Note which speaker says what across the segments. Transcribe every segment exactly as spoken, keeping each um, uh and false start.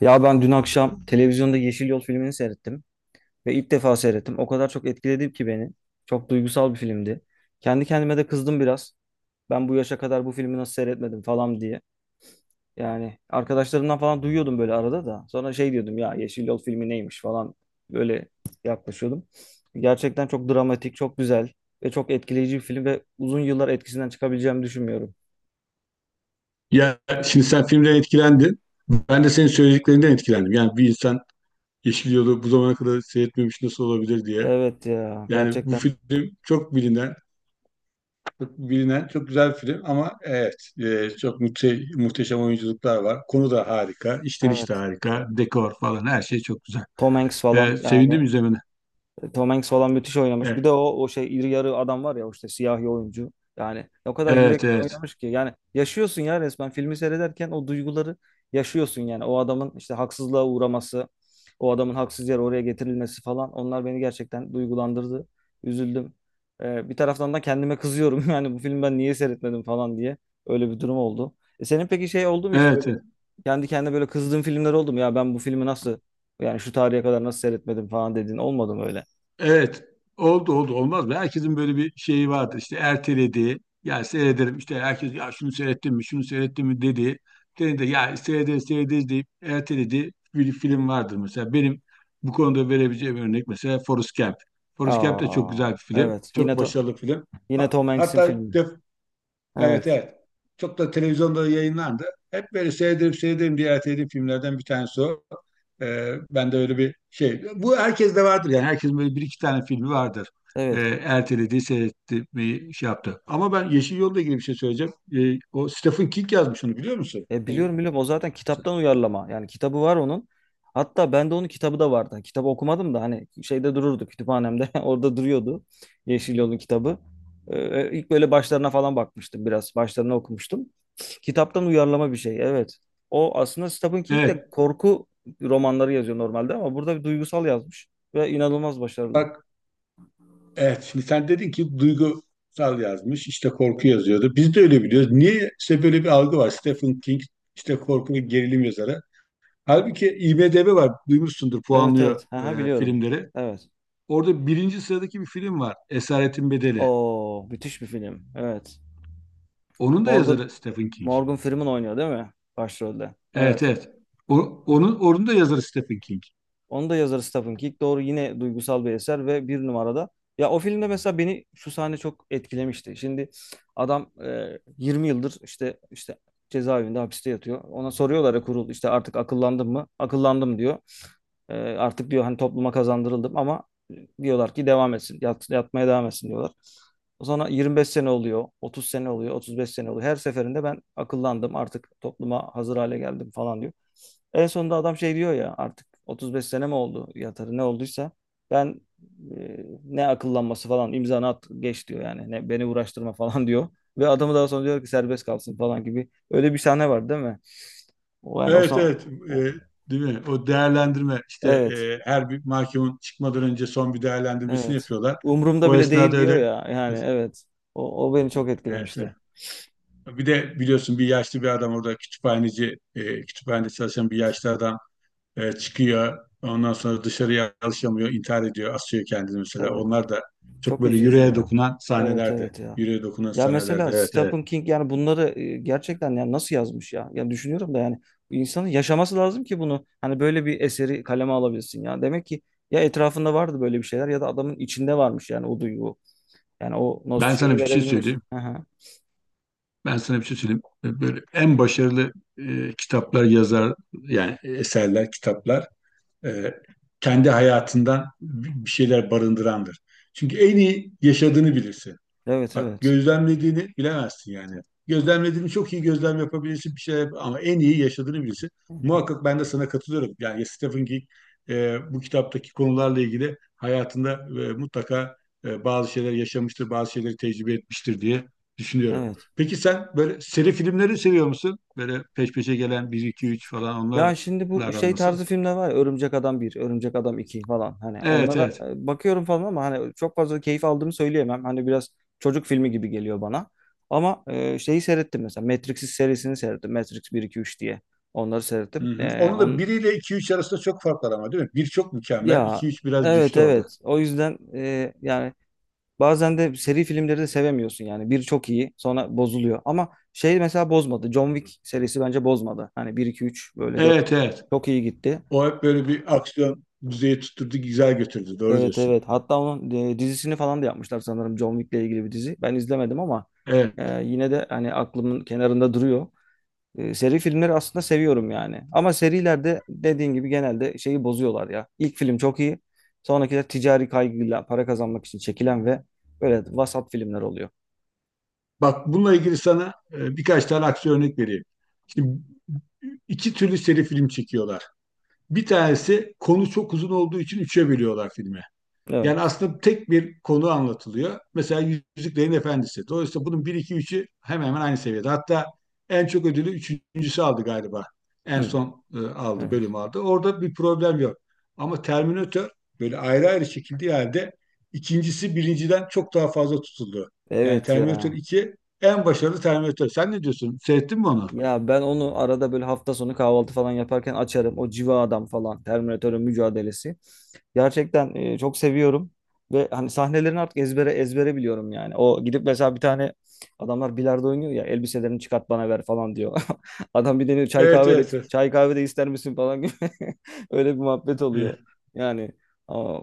Speaker 1: Ya ben dün akşam televizyonda Yeşil Yol filmini seyrettim ve ilk defa seyrettim. O kadar çok etkiledi ki beni. Çok duygusal bir filmdi. Kendi kendime de kızdım biraz. Ben bu yaşa kadar bu filmi nasıl seyretmedim falan diye. Yani arkadaşlarımdan falan duyuyordum böyle arada da. Sonra şey diyordum ya Yeşil Yol filmi neymiş falan böyle yaklaşıyordum. Gerçekten çok dramatik, çok güzel ve çok etkileyici bir film ve uzun yıllar etkisinden çıkabileceğimi düşünmüyorum.
Speaker 2: Ya şimdi sen filmden etkilendin. Ben de senin söylediklerinden etkilendim. Yani bir insan Yeşil Yol'u bu zamana kadar seyretmemiş nasıl olabilir diye.
Speaker 1: Evet ya,
Speaker 2: Yani bu
Speaker 1: gerçekten.
Speaker 2: film çok bilinen, çok bilinen, çok güzel bir film ama evet e, çok muhte muhteşem oyunculuklar var. Konu da harika, işleniş de
Speaker 1: Evet.
Speaker 2: harika, dekor falan her şey çok güzel.
Speaker 1: Tom Hanks falan,
Speaker 2: E, sevindim
Speaker 1: yani
Speaker 2: izlemene.
Speaker 1: Tom Hanks falan müthiş oynamış. Bir
Speaker 2: Evet,
Speaker 1: de o o şey, iri yarı adam var ya, o işte siyahi oyuncu. Yani o kadar
Speaker 2: evet, evet.
Speaker 1: yürekten
Speaker 2: Evet,
Speaker 1: oynamış ki, yani yaşıyorsun ya resmen, filmi seyrederken o duyguları yaşıyorsun yani. O adamın işte haksızlığa uğraması, o adamın haksız yere oraya getirilmesi falan, onlar beni gerçekten duygulandırdı. Üzüldüm. Ee, bir taraftan da kendime kızıyorum yani bu filmi ben niye seyretmedim falan diye. Öyle bir durum oldu. E senin peki şey oldu mu hiç böyle
Speaker 2: evet.
Speaker 1: kendi kendine böyle kızdığın filmler oldu mu? Ya ben bu filmi nasıl, yani şu tarihe kadar nasıl seyretmedim falan dediğin olmadı mı öyle?
Speaker 2: Evet. Oldu oldu olmaz mı? Herkesin böyle bir şeyi vardır, İşte ertelediği. Ya seyrederim işte, herkes ya şunu seyrettim mi şunu seyrettim mi dedi. Dedi de ya seyrederiz seyrederiz deyip ertelediği bir film vardır mesela. Benim bu konuda verebileceğim örnek mesela Forrest Gump. Forrest Gump da çok güzel
Speaker 1: Aa,
Speaker 2: bir film.
Speaker 1: evet. Yine
Speaker 2: Çok
Speaker 1: to
Speaker 2: başarılı film.
Speaker 1: yine
Speaker 2: Ha-
Speaker 1: Tom Hanks'in
Speaker 2: Hatta
Speaker 1: filmi.
Speaker 2: def evet
Speaker 1: Evet.
Speaker 2: evet. Çok da televizyonda yayınlandı. Hep böyle seyredip seyredip ziyaret edip filmlerden bir tanesi o. Ee, ben de öyle bir şey. Bu herkes de vardır yani. Herkesin böyle bir iki tane filmi vardır. Ee,
Speaker 1: Evet.
Speaker 2: Ertelediği, seyretti, bir şey yaptı. Ama ben Yeşil Yol'la ilgili bir şey söyleyeceğim. Ee, o Stephen King yazmış, onu biliyor musun?
Speaker 1: E,
Speaker 2: O-
Speaker 1: biliyorum, biliyorum, o zaten kitaptan uyarlama. Yani kitabı var onun. Hatta bende onun kitabı da vardı. Hani Kitabı okumadım da hani şeyde dururdu kütüphanemde. Orada duruyordu. Yeşil Yol'un kitabı. E, e, ilk böyle başlarına falan bakmıştım biraz. Başlarına okumuştum. Kitaptan uyarlama bir şey. Evet. O aslında Stephen King de
Speaker 2: Evet.
Speaker 1: korku romanları yazıyor normalde, ama burada bir duygusal yazmış ve inanılmaz başarılı.
Speaker 2: Bak evet, şimdi sen dedin ki duygusal yazmış, işte korku yazıyordu. Biz de öyle biliyoruz. Niye işte böyle bir algı var. Stephen King işte korku ve gerilim yazarı. Halbuki IMDb var, duymuşsundur,
Speaker 1: Evet,
Speaker 2: puanlıyor
Speaker 1: evet. Aha,
Speaker 2: e,
Speaker 1: biliyorum.
Speaker 2: filmleri.
Speaker 1: Evet.
Speaker 2: Orada birinci sıradaki bir film var, Esaretin Bedeli.
Speaker 1: Oo, müthiş bir film. Evet.
Speaker 2: Onun da
Speaker 1: Morgan
Speaker 2: yazarı Stephen King.
Speaker 1: Morgan Freeman oynuyor değil mi? Başrolde.
Speaker 2: Evet,
Speaker 1: Evet.
Speaker 2: evet. O, onun, onun da yazarı Stephen King.
Speaker 1: Onu da yazarı Stephen King. Doğru, yine duygusal bir eser ve bir numarada. Ya o filmde mesela beni şu sahne çok etkilemişti. Şimdi adam e, yirmi yıldır işte işte cezaevinde, hapiste yatıyor. Ona soruyorlar ya kurul, işte artık akıllandın mı? Akıllandım diyor. E, artık diyor hani topluma kazandırıldım, ama diyorlar ki devam etsin. Yat, yatmaya devam etsin diyorlar. O sonra yirmi beş sene oluyor, otuz sene oluyor, otuz beş sene oluyor. Her seferinde ben akıllandım, artık topluma hazır hale geldim falan diyor. En sonunda adam şey diyor ya, artık otuz beş sene mi oldu yatarı ne olduysa ben e, ne akıllanması falan, imzanı at geç diyor yani, ne beni uğraştırma falan diyor ve adamı daha sonra diyor ki serbest kalsın falan gibi, öyle bir sahne var değil mi? O yani o,
Speaker 2: Evet,
Speaker 1: sa-
Speaker 2: evet.
Speaker 1: o-
Speaker 2: E, değil mi? O değerlendirme, işte
Speaker 1: Evet,
Speaker 2: e, her bir mahkumun çıkmadan önce son bir değerlendirmesini
Speaker 1: evet,
Speaker 2: yapıyorlar.
Speaker 1: umurumda
Speaker 2: O
Speaker 1: bile değil
Speaker 2: esnada
Speaker 1: diyor
Speaker 2: öyle...
Speaker 1: ya yani. Evet, o, o beni çok
Speaker 2: Evet, evet.
Speaker 1: etkilemişti.
Speaker 2: Bir de biliyorsun bir yaşlı bir adam orada kütüphaneci, e, kütüphanede çalışan bir yaşlı adam. E, çıkıyor. Ondan sonra dışarıya alışamıyor, intihar ediyor, asıyor kendini mesela.
Speaker 1: Evet.
Speaker 2: Onlar da çok
Speaker 1: Çok
Speaker 2: böyle
Speaker 1: üzücü
Speaker 2: yüreğe
Speaker 1: ya.
Speaker 2: dokunan
Speaker 1: Evet,
Speaker 2: sahnelerde.
Speaker 1: evet ya.
Speaker 2: Yüreğe dokunan
Speaker 1: Ya
Speaker 2: sahnelerde.
Speaker 1: mesela
Speaker 2: Evet, evet.
Speaker 1: Stephen King, yani bunları e, gerçekten yani nasıl yazmış ya? Ya düşünüyorum da yani bu insanın yaşaması lazım ki bunu hani böyle bir eseri kaleme alabilsin ya. Demek ki ya etrafında vardı böyle bir şeyler, ya da adamın içinde varmış yani o duygu. Yani o nos
Speaker 2: Ben sana
Speaker 1: şeyi
Speaker 2: bir şey
Speaker 1: verebilmiş.
Speaker 2: söyleyeyim.
Speaker 1: Aha.
Speaker 2: Ben sana bir şey söyleyeyim. E, Böyle en başarılı e, kitaplar yazar, yani eserler, kitaplar, e, kendi hayatından bir şeyler barındırandır. Çünkü en iyi yaşadığını bilirsin.
Speaker 1: Evet,
Speaker 2: Bak,
Speaker 1: evet.
Speaker 2: gözlemlediğini bilemezsin yani. Gözlemlediğini çok iyi gözlem yapabilirsin, bir şey yap- ama en iyi yaşadığını bilirsin. Muhakkak ben de sana katılıyorum. Yani Yes, Stephen King e, bu kitaptaki konularla ilgili hayatında e, mutlaka e, bazı şeyler yaşamıştır, bazı şeyleri tecrübe etmiştir diye düşünüyorum.
Speaker 1: Evet.
Speaker 2: Peki sen böyle seri filmleri seviyor musun? Böyle peş peşe gelen bir iki üç falan,
Speaker 1: Ya şimdi bu
Speaker 2: onlarla
Speaker 1: şey
Speaker 2: nasıl?
Speaker 1: tarzı filmler var ya, Örümcek Adam bir, Örümcek Adam iki falan, hani
Speaker 2: Evet,
Speaker 1: onlara
Speaker 2: evet.
Speaker 1: e, bakıyorum falan ama hani çok fazla keyif aldığımı söyleyemem. Hani biraz çocuk filmi gibi geliyor bana. Ama e, şeyi seyrettim mesela, Matrix serisini seyrettim. Matrix bir iki üç diye. Onları
Speaker 2: Hı
Speaker 1: seyrettim.
Speaker 2: hı.
Speaker 1: E,
Speaker 2: Onun da
Speaker 1: on
Speaker 2: biriyle iki üç arasında çok fark var ama değil mi? Bir çok mükemmel, iki
Speaker 1: Ya,
Speaker 2: üç biraz
Speaker 1: evet,
Speaker 2: düştü orada.
Speaker 1: evet. O yüzden e, yani bazen de seri filmleri de sevemiyorsun yani. Bir çok iyi, sonra bozuluyor. Ama şey mesela bozmadı. John Wick serisi bence bozmadı. Hani bir iki üç böyle dört,
Speaker 2: Evet evet.
Speaker 1: çok iyi gitti.
Speaker 2: O hep böyle bir aksiyon düzeyi tutturdu, güzel götürdü. Doğru
Speaker 1: Evet,
Speaker 2: diyorsun.
Speaker 1: evet. Hatta onun e, dizisini falan da yapmışlar sanırım, John Wick'le ilgili bir dizi. Ben izlemedim ama
Speaker 2: Evet.
Speaker 1: e, yine de hani aklımın kenarında duruyor. E, seri filmleri aslında seviyorum yani. Ama serilerde dediğin gibi genelde şeyi bozuyorlar ya. İlk film çok iyi. Sonrakiler ticari kaygıyla para kazanmak için çekilen ve böyle vasat filmler oluyor.
Speaker 2: Bak, bununla ilgili sana e, birkaç tane aksiyon örnek vereyim. Şimdi iki türlü seri film çekiyorlar. Bir tanesi konu çok uzun olduğu için üçe bölüyorlar filmi. Yani
Speaker 1: Evet.
Speaker 2: aslında tek bir konu anlatılıyor. Mesela Yüzüklerin Efendisi. Dolayısıyla bunun bir iki üçü hemen hemen aynı seviyede. Hatta en çok ödülü üçüncüsü aldı galiba. En
Speaker 1: Hı,
Speaker 2: son e, aldı,
Speaker 1: evet.
Speaker 2: bölüm aldı. Orada bir problem yok. Ama Terminator böyle ayrı ayrı çekildiği halde ikincisi birinciden çok daha fazla tutuldu. Yani
Speaker 1: Evet
Speaker 2: Terminator
Speaker 1: ya.
Speaker 2: iki en başarılı Terminator. Sen ne diyorsun? Seyrettin mi onu?
Speaker 1: Ya ben onu arada böyle hafta sonu kahvaltı falan yaparken açarım. O Civa Adam falan, Terminatörün mücadelesi. Gerçekten e, çok seviyorum. Ve hani sahnelerini artık ezbere ezbere biliyorum yani. O gidip mesela bir tane, adamlar bilardo oynuyor ya, elbiselerini çıkart bana ver falan diyor. Adam bir deniyor, çay
Speaker 2: Evet
Speaker 1: kahve de
Speaker 2: evet evet.
Speaker 1: çay kahve de ister misin falan gibi. Öyle bir muhabbet oluyor.
Speaker 2: Evet.
Speaker 1: Yani aa,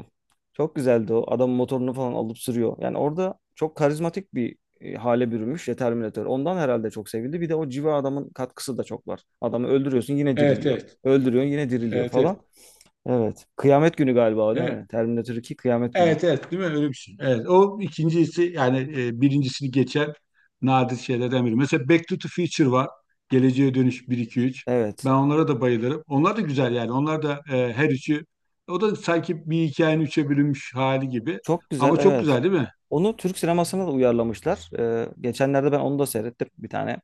Speaker 1: çok güzeldi o. Adam motorunu falan alıp sürüyor. Yani orada çok karizmatik bir e, hale bürümüş ya Terminator. Ondan herhalde çok sevildi. Bir de o civa adamın katkısı da çok var. Adamı öldürüyorsun yine
Speaker 2: Evet
Speaker 1: diriliyor.
Speaker 2: evet.
Speaker 1: Öldürüyorsun yine diriliyor
Speaker 2: Evet
Speaker 1: falan. Evet. Kıyamet günü galiba o değil
Speaker 2: evet.
Speaker 1: mi? Terminator iki Kıyamet günü.
Speaker 2: Evet evet değil mi? Öyle bir şey. Evet. O ikincisi yani e, birincisini geçen nadir şeylerden biri. Mesela Back to the Future var. Geleceğe Dönüş bir iki üç,
Speaker 1: Evet.
Speaker 2: ben onlara da bayılırım. Onlar da güzel yani. Onlar da, e, her üçü, o da sanki bir hikayenin üçe bölünmüş hali gibi.
Speaker 1: Çok güzel,
Speaker 2: Ama çok
Speaker 1: evet.
Speaker 2: güzel değil mi?
Speaker 1: Onu Türk sinemasına da uyarlamışlar. Ee, geçenlerde ben onu da seyrettim bir tane.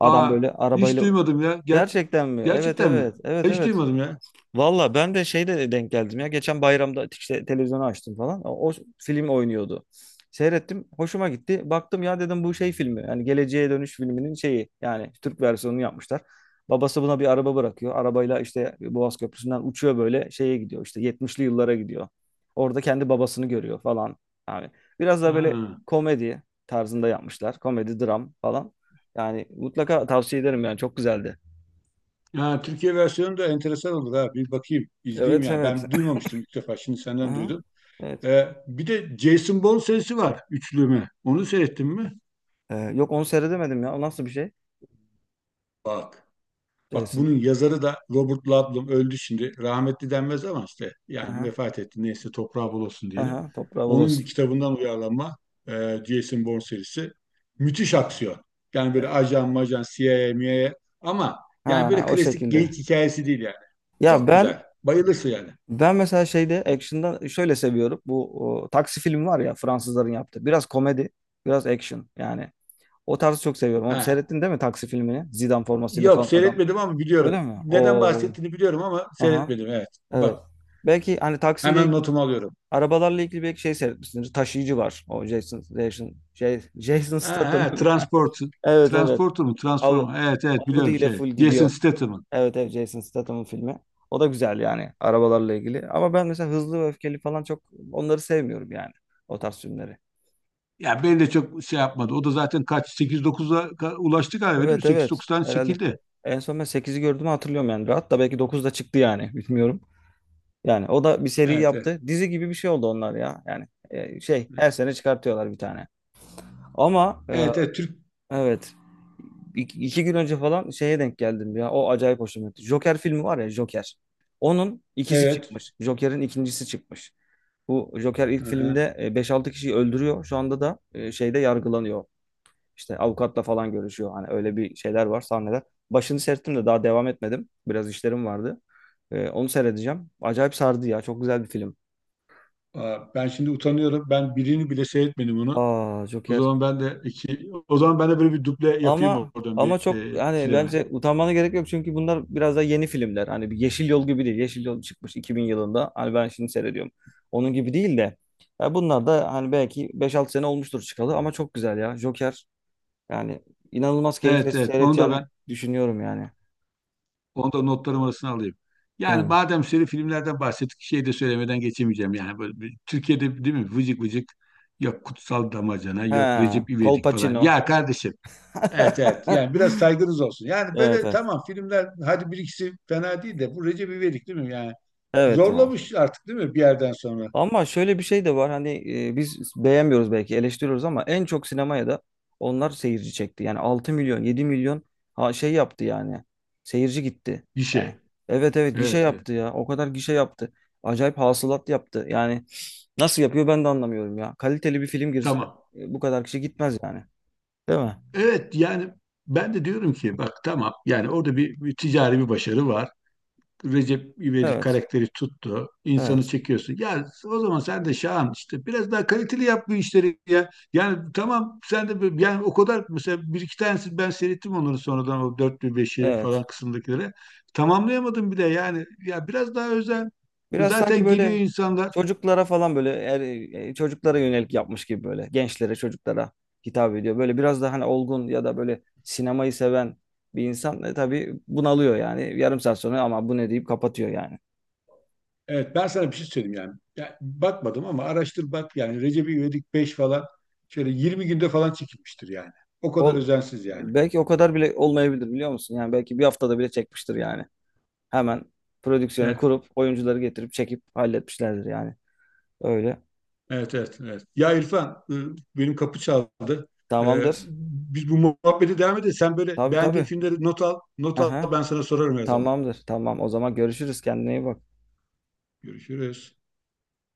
Speaker 1: Adam
Speaker 2: Aa,
Speaker 1: böyle
Speaker 2: hiç
Speaker 1: arabayla.
Speaker 2: duymadım ya. Gerçek
Speaker 1: Gerçekten mi? Evet,
Speaker 2: gerçekten mi?
Speaker 1: evet. Evet,
Speaker 2: Hiç
Speaker 1: evet.
Speaker 2: duymadım ya.
Speaker 1: Valla ben de şeyde denk geldim ya. Geçen bayramda işte televizyonu açtım falan. O, o film oynuyordu. Seyrettim. Hoşuma gitti. Baktım ya dedim bu şey filmi. Yani Geleceğe Dönüş filminin şeyi. Yani Türk versiyonunu yapmışlar. Babası buna bir araba bırakıyor. Arabayla işte Boğaz Köprüsü'nden uçuyor, böyle şeye gidiyor. İşte yetmişli yıllara gidiyor. Orada kendi babasını görüyor falan. Yani biraz da böyle
Speaker 2: Ha.
Speaker 1: komedi tarzında yapmışlar. Komedi, dram falan. Yani mutlaka tavsiye ederim, yani çok güzeldi.
Speaker 2: Ya Türkiye versiyonu da enteresan olur ha. Bir bakayım, izleyeyim
Speaker 1: Evet,
Speaker 2: yani.
Speaker 1: evet.
Speaker 2: Ben duymamıştım, ilk defa. Şimdi
Speaker 1: Hı
Speaker 2: senden
Speaker 1: hı.
Speaker 2: duydum.
Speaker 1: Evet.
Speaker 2: Ee, bir de Jason Bourne serisi var, üçlüme. Onu seyrettin mi?
Speaker 1: Ee, yok, onu seyredemedim ya. O nasıl bir şey?
Speaker 2: Bak. Bak,
Speaker 1: Jason.
Speaker 2: bunun yazarı da Robert Ludlum, öldü şimdi. Rahmetli denmez ama işte yani
Speaker 1: Aha,
Speaker 2: vefat etti. Neyse, toprağı bol olsun diyelim.
Speaker 1: aha, toprağı bol
Speaker 2: Onun bir
Speaker 1: olsun.
Speaker 2: kitabından uyarlanma e, Jason Bourne serisi. Müthiş aksiyon. Yani
Speaker 1: Ee,
Speaker 2: böyle ajan majan, C I A, M I A, ama yani
Speaker 1: Ha,
Speaker 2: böyle
Speaker 1: o
Speaker 2: klasik
Speaker 1: şekilde.
Speaker 2: geyik hikayesi değil yani.
Speaker 1: Ya
Speaker 2: Çok
Speaker 1: ben
Speaker 2: güzel. Bayılırsın yani.
Speaker 1: ben mesela şeyde, action'da şöyle seviyorum. Bu o, taksi filmi var ya Fransızların yaptığı. Biraz komedi, biraz action yani. O tarzı çok seviyorum. Onu
Speaker 2: Ha.
Speaker 1: seyrettin değil mi taksi filmini? Zidane formasıyla
Speaker 2: Yok,
Speaker 1: falan adam.
Speaker 2: seyretmedim ama biliyorum.
Speaker 1: Öyle mi?
Speaker 2: Neden
Speaker 1: O,
Speaker 2: bahsettiğini biliyorum ama
Speaker 1: aha,
Speaker 2: seyretmedim, evet.
Speaker 1: evet.
Speaker 2: Bak,
Speaker 1: Belki hani taksiyle,
Speaker 2: hemen notumu alıyorum.
Speaker 1: arabalarla ilgili belki şey seyretmişsindir. Taşıyıcı var. O Jason Jason Jay- Jason
Speaker 2: Ha,
Speaker 1: Statham.
Speaker 2: ha, Transport,
Speaker 1: Evet, evet.
Speaker 2: Transporter mu?
Speaker 1: Av,
Speaker 2: Transform. Evet evet
Speaker 1: Audi
Speaker 2: biliyorum
Speaker 1: ile
Speaker 2: şey.
Speaker 1: full
Speaker 2: Jason
Speaker 1: gidiyor.
Speaker 2: Statham'ın.
Speaker 1: Evet, evet, Jason Statham'ın filmi. O da güzel yani arabalarla ilgili. Ama ben mesela hızlı ve öfkeli falan, çok onları sevmiyorum yani. O tarz filmleri.
Speaker 2: Ya beni de çok şey yapmadı. O da zaten kaç? sekiz dokuza ka- ulaştı galiba değil mi?
Speaker 1: Evet, evet,
Speaker 2: sekiz dokuz tane
Speaker 1: herhalde.
Speaker 2: çekildi.
Speaker 1: En son ben sekizi gördüğümü hatırlıyorum yani. Hatta belki dokuz da çıktı yani bilmiyorum. Yani o da bir seri
Speaker 2: Evet evet.
Speaker 1: yaptı. Dizi gibi bir şey oldu onlar ya. Yani e, şey, her sene çıkartıyorlar bir tane. Ama e,
Speaker 2: Evet evet Türk.
Speaker 1: evet. İki, iki gün önce falan şeye denk geldim ya. O acayip hoşuma gitti. Joker filmi var ya, Joker. Onun ikisi
Speaker 2: Evet.
Speaker 1: çıkmış. Joker'in ikincisi çıkmış. Bu Joker ilk
Speaker 2: Aha.
Speaker 1: filmde e, beş altı kişiyi öldürüyor. Şu anda da e, şeyde yargılanıyor. İşte avukatla falan görüşüyor. Hani öyle bir şeyler var, sahneler. Başını seyrettim de daha devam etmedim. Biraz işlerim vardı. E, Onu seyredeceğim. Acayip sardı ya. Çok güzel bir film.
Speaker 2: Aa, ben şimdi utanıyorum. Ben birini bile seyretmedim onu.
Speaker 1: Aa,
Speaker 2: O
Speaker 1: Joker.
Speaker 2: zaman ben de iki, o zaman ben de böyle bir duble yapayım
Speaker 1: Ama
Speaker 2: oradan bir
Speaker 1: ama çok
Speaker 2: e,
Speaker 1: yani,
Speaker 2: ikileme.
Speaker 1: bence utanmana gerek yok çünkü bunlar biraz da yeni filmler. Hani bir Yeşil Yol gibi değil. Yeşil Yol çıkmış iki bin yılında. Hani ben şimdi seyrediyorum. Onun gibi değil de ya, bunlar da hani belki beş altı sene olmuştur çıkalı, ama çok güzel ya. Joker, yani inanılmaz keyifle
Speaker 2: Evet evet onu da
Speaker 1: seyredeceğini
Speaker 2: ben
Speaker 1: düşünüyorum yani.
Speaker 2: Onu da notlarım arasına alayım. Yani
Speaker 1: He.
Speaker 2: madem şöyle filmlerden bahsettik, şey de söylemeden geçemeyeceğim. Yani böyle bir Türkiye'de değil mi vıcık vıcık, yok Kutsal Damacana, yok
Speaker 1: He,
Speaker 2: Recep
Speaker 1: Col
Speaker 2: İvedik falan.
Speaker 1: Pacino.
Speaker 2: Ya kardeşim. Evet evet, yani biraz saygınız olsun. Yani
Speaker 1: Evet,
Speaker 2: böyle
Speaker 1: evet.
Speaker 2: tamam, filmler hadi bir ikisi fena değil de, bu Recep İvedik değil mi? Yani
Speaker 1: Evet ya.
Speaker 2: zorlamış artık değil mi bir yerden sonra?
Speaker 1: Ama şöyle bir şey de var hani, e, biz beğenmiyoruz belki, eleştiriyoruz ama en çok sinemaya da onlar seyirci çekti. Yani altı milyon, yedi milyon, ha, şey yaptı yani, seyirci gitti. Yani
Speaker 2: İşe.
Speaker 1: evet, evet, gişe
Speaker 2: Evet evet
Speaker 1: yaptı ya, o kadar gişe yaptı. Acayip hasılat yaptı. Yani nasıl yapıyor ben de anlamıyorum ya. Kaliteli bir film girse
Speaker 2: tamam.
Speaker 1: e, bu kadar kişi gitmez yani. Değil mi?
Speaker 2: Evet yani, ben de diyorum ki bak tamam yani, orada bir, bir ticari bir başarı var. Recep İvedik
Speaker 1: Evet.
Speaker 2: karakteri tuttu. İnsanı
Speaker 1: Evet.
Speaker 2: çekiyorsun. Ya o zaman sen de Şahan işte biraz daha kaliteli yap bu işleri ya. Yani tamam sen de böyle, yani o kadar mesela bir iki tanesi ben seyrettim onları sonradan, o dört beşi
Speaker 1: Evet.
Speaker 2: falan kısımdakileri. Tamamlayamadım bir de yani. Ya biraz daha özen.
Speaker 1: Biraz sanki
Speaker 2: Zaten geliyor
Speaker 1: böyle
Speaker 2: insanlar.
Speaker 1: çocuklara falan, böyle er, e, çocuklara yönelik yapmış gibi, böyle gençlere, çocuklara hitap ediyor. Böyle biraz daha hani olgun, ya da böyle sinemayı seven bir insan e, tabii bunalıyor yani yarım saat sonra, ama bu ne deyip kapatıyor yani.
Speaker 2: Evet ben sana bir şey söyleyeyim yani. Ya, bakmadım ama araştır bak, yani Recep İvedik beş falan şöyle yirmi günde falan çekilmiştir yani. O kadar
Speaker 1: Ol,
Speaker 2: özensiz yani.
Speaker 1: Belki o kadar bile olmayabilir, biliyor musun? Yani belki bir haftada bile çekmiştir yani. Hemen prodüksiyonu
Speaker 2: Evet.
Speaker 1: kurup oyuncuları getirip çekip halletmişlerdir yani. Öyle.
Speaker 2: Evet, evet, evet. Ya İrfan, e, benim kapı çaldı. E,
Speaker 1: Tamamdır.
Speaker 2: biz bu muhabbete devam edelim. Sen böyle
Speaker 1: Tabii,
Speaker 2: beğendiğin
Speaker 1: tabii.
Speaker 2: filmleri not al, not al,
Speaker 1: Aha.
Speaker 2: ben sana sorarım her zaman.
Speaker 1: Tamamdır. Tamam. O zaman görüşürüz. Kendine iyi bak.
Speaker 2: Görüşürüz.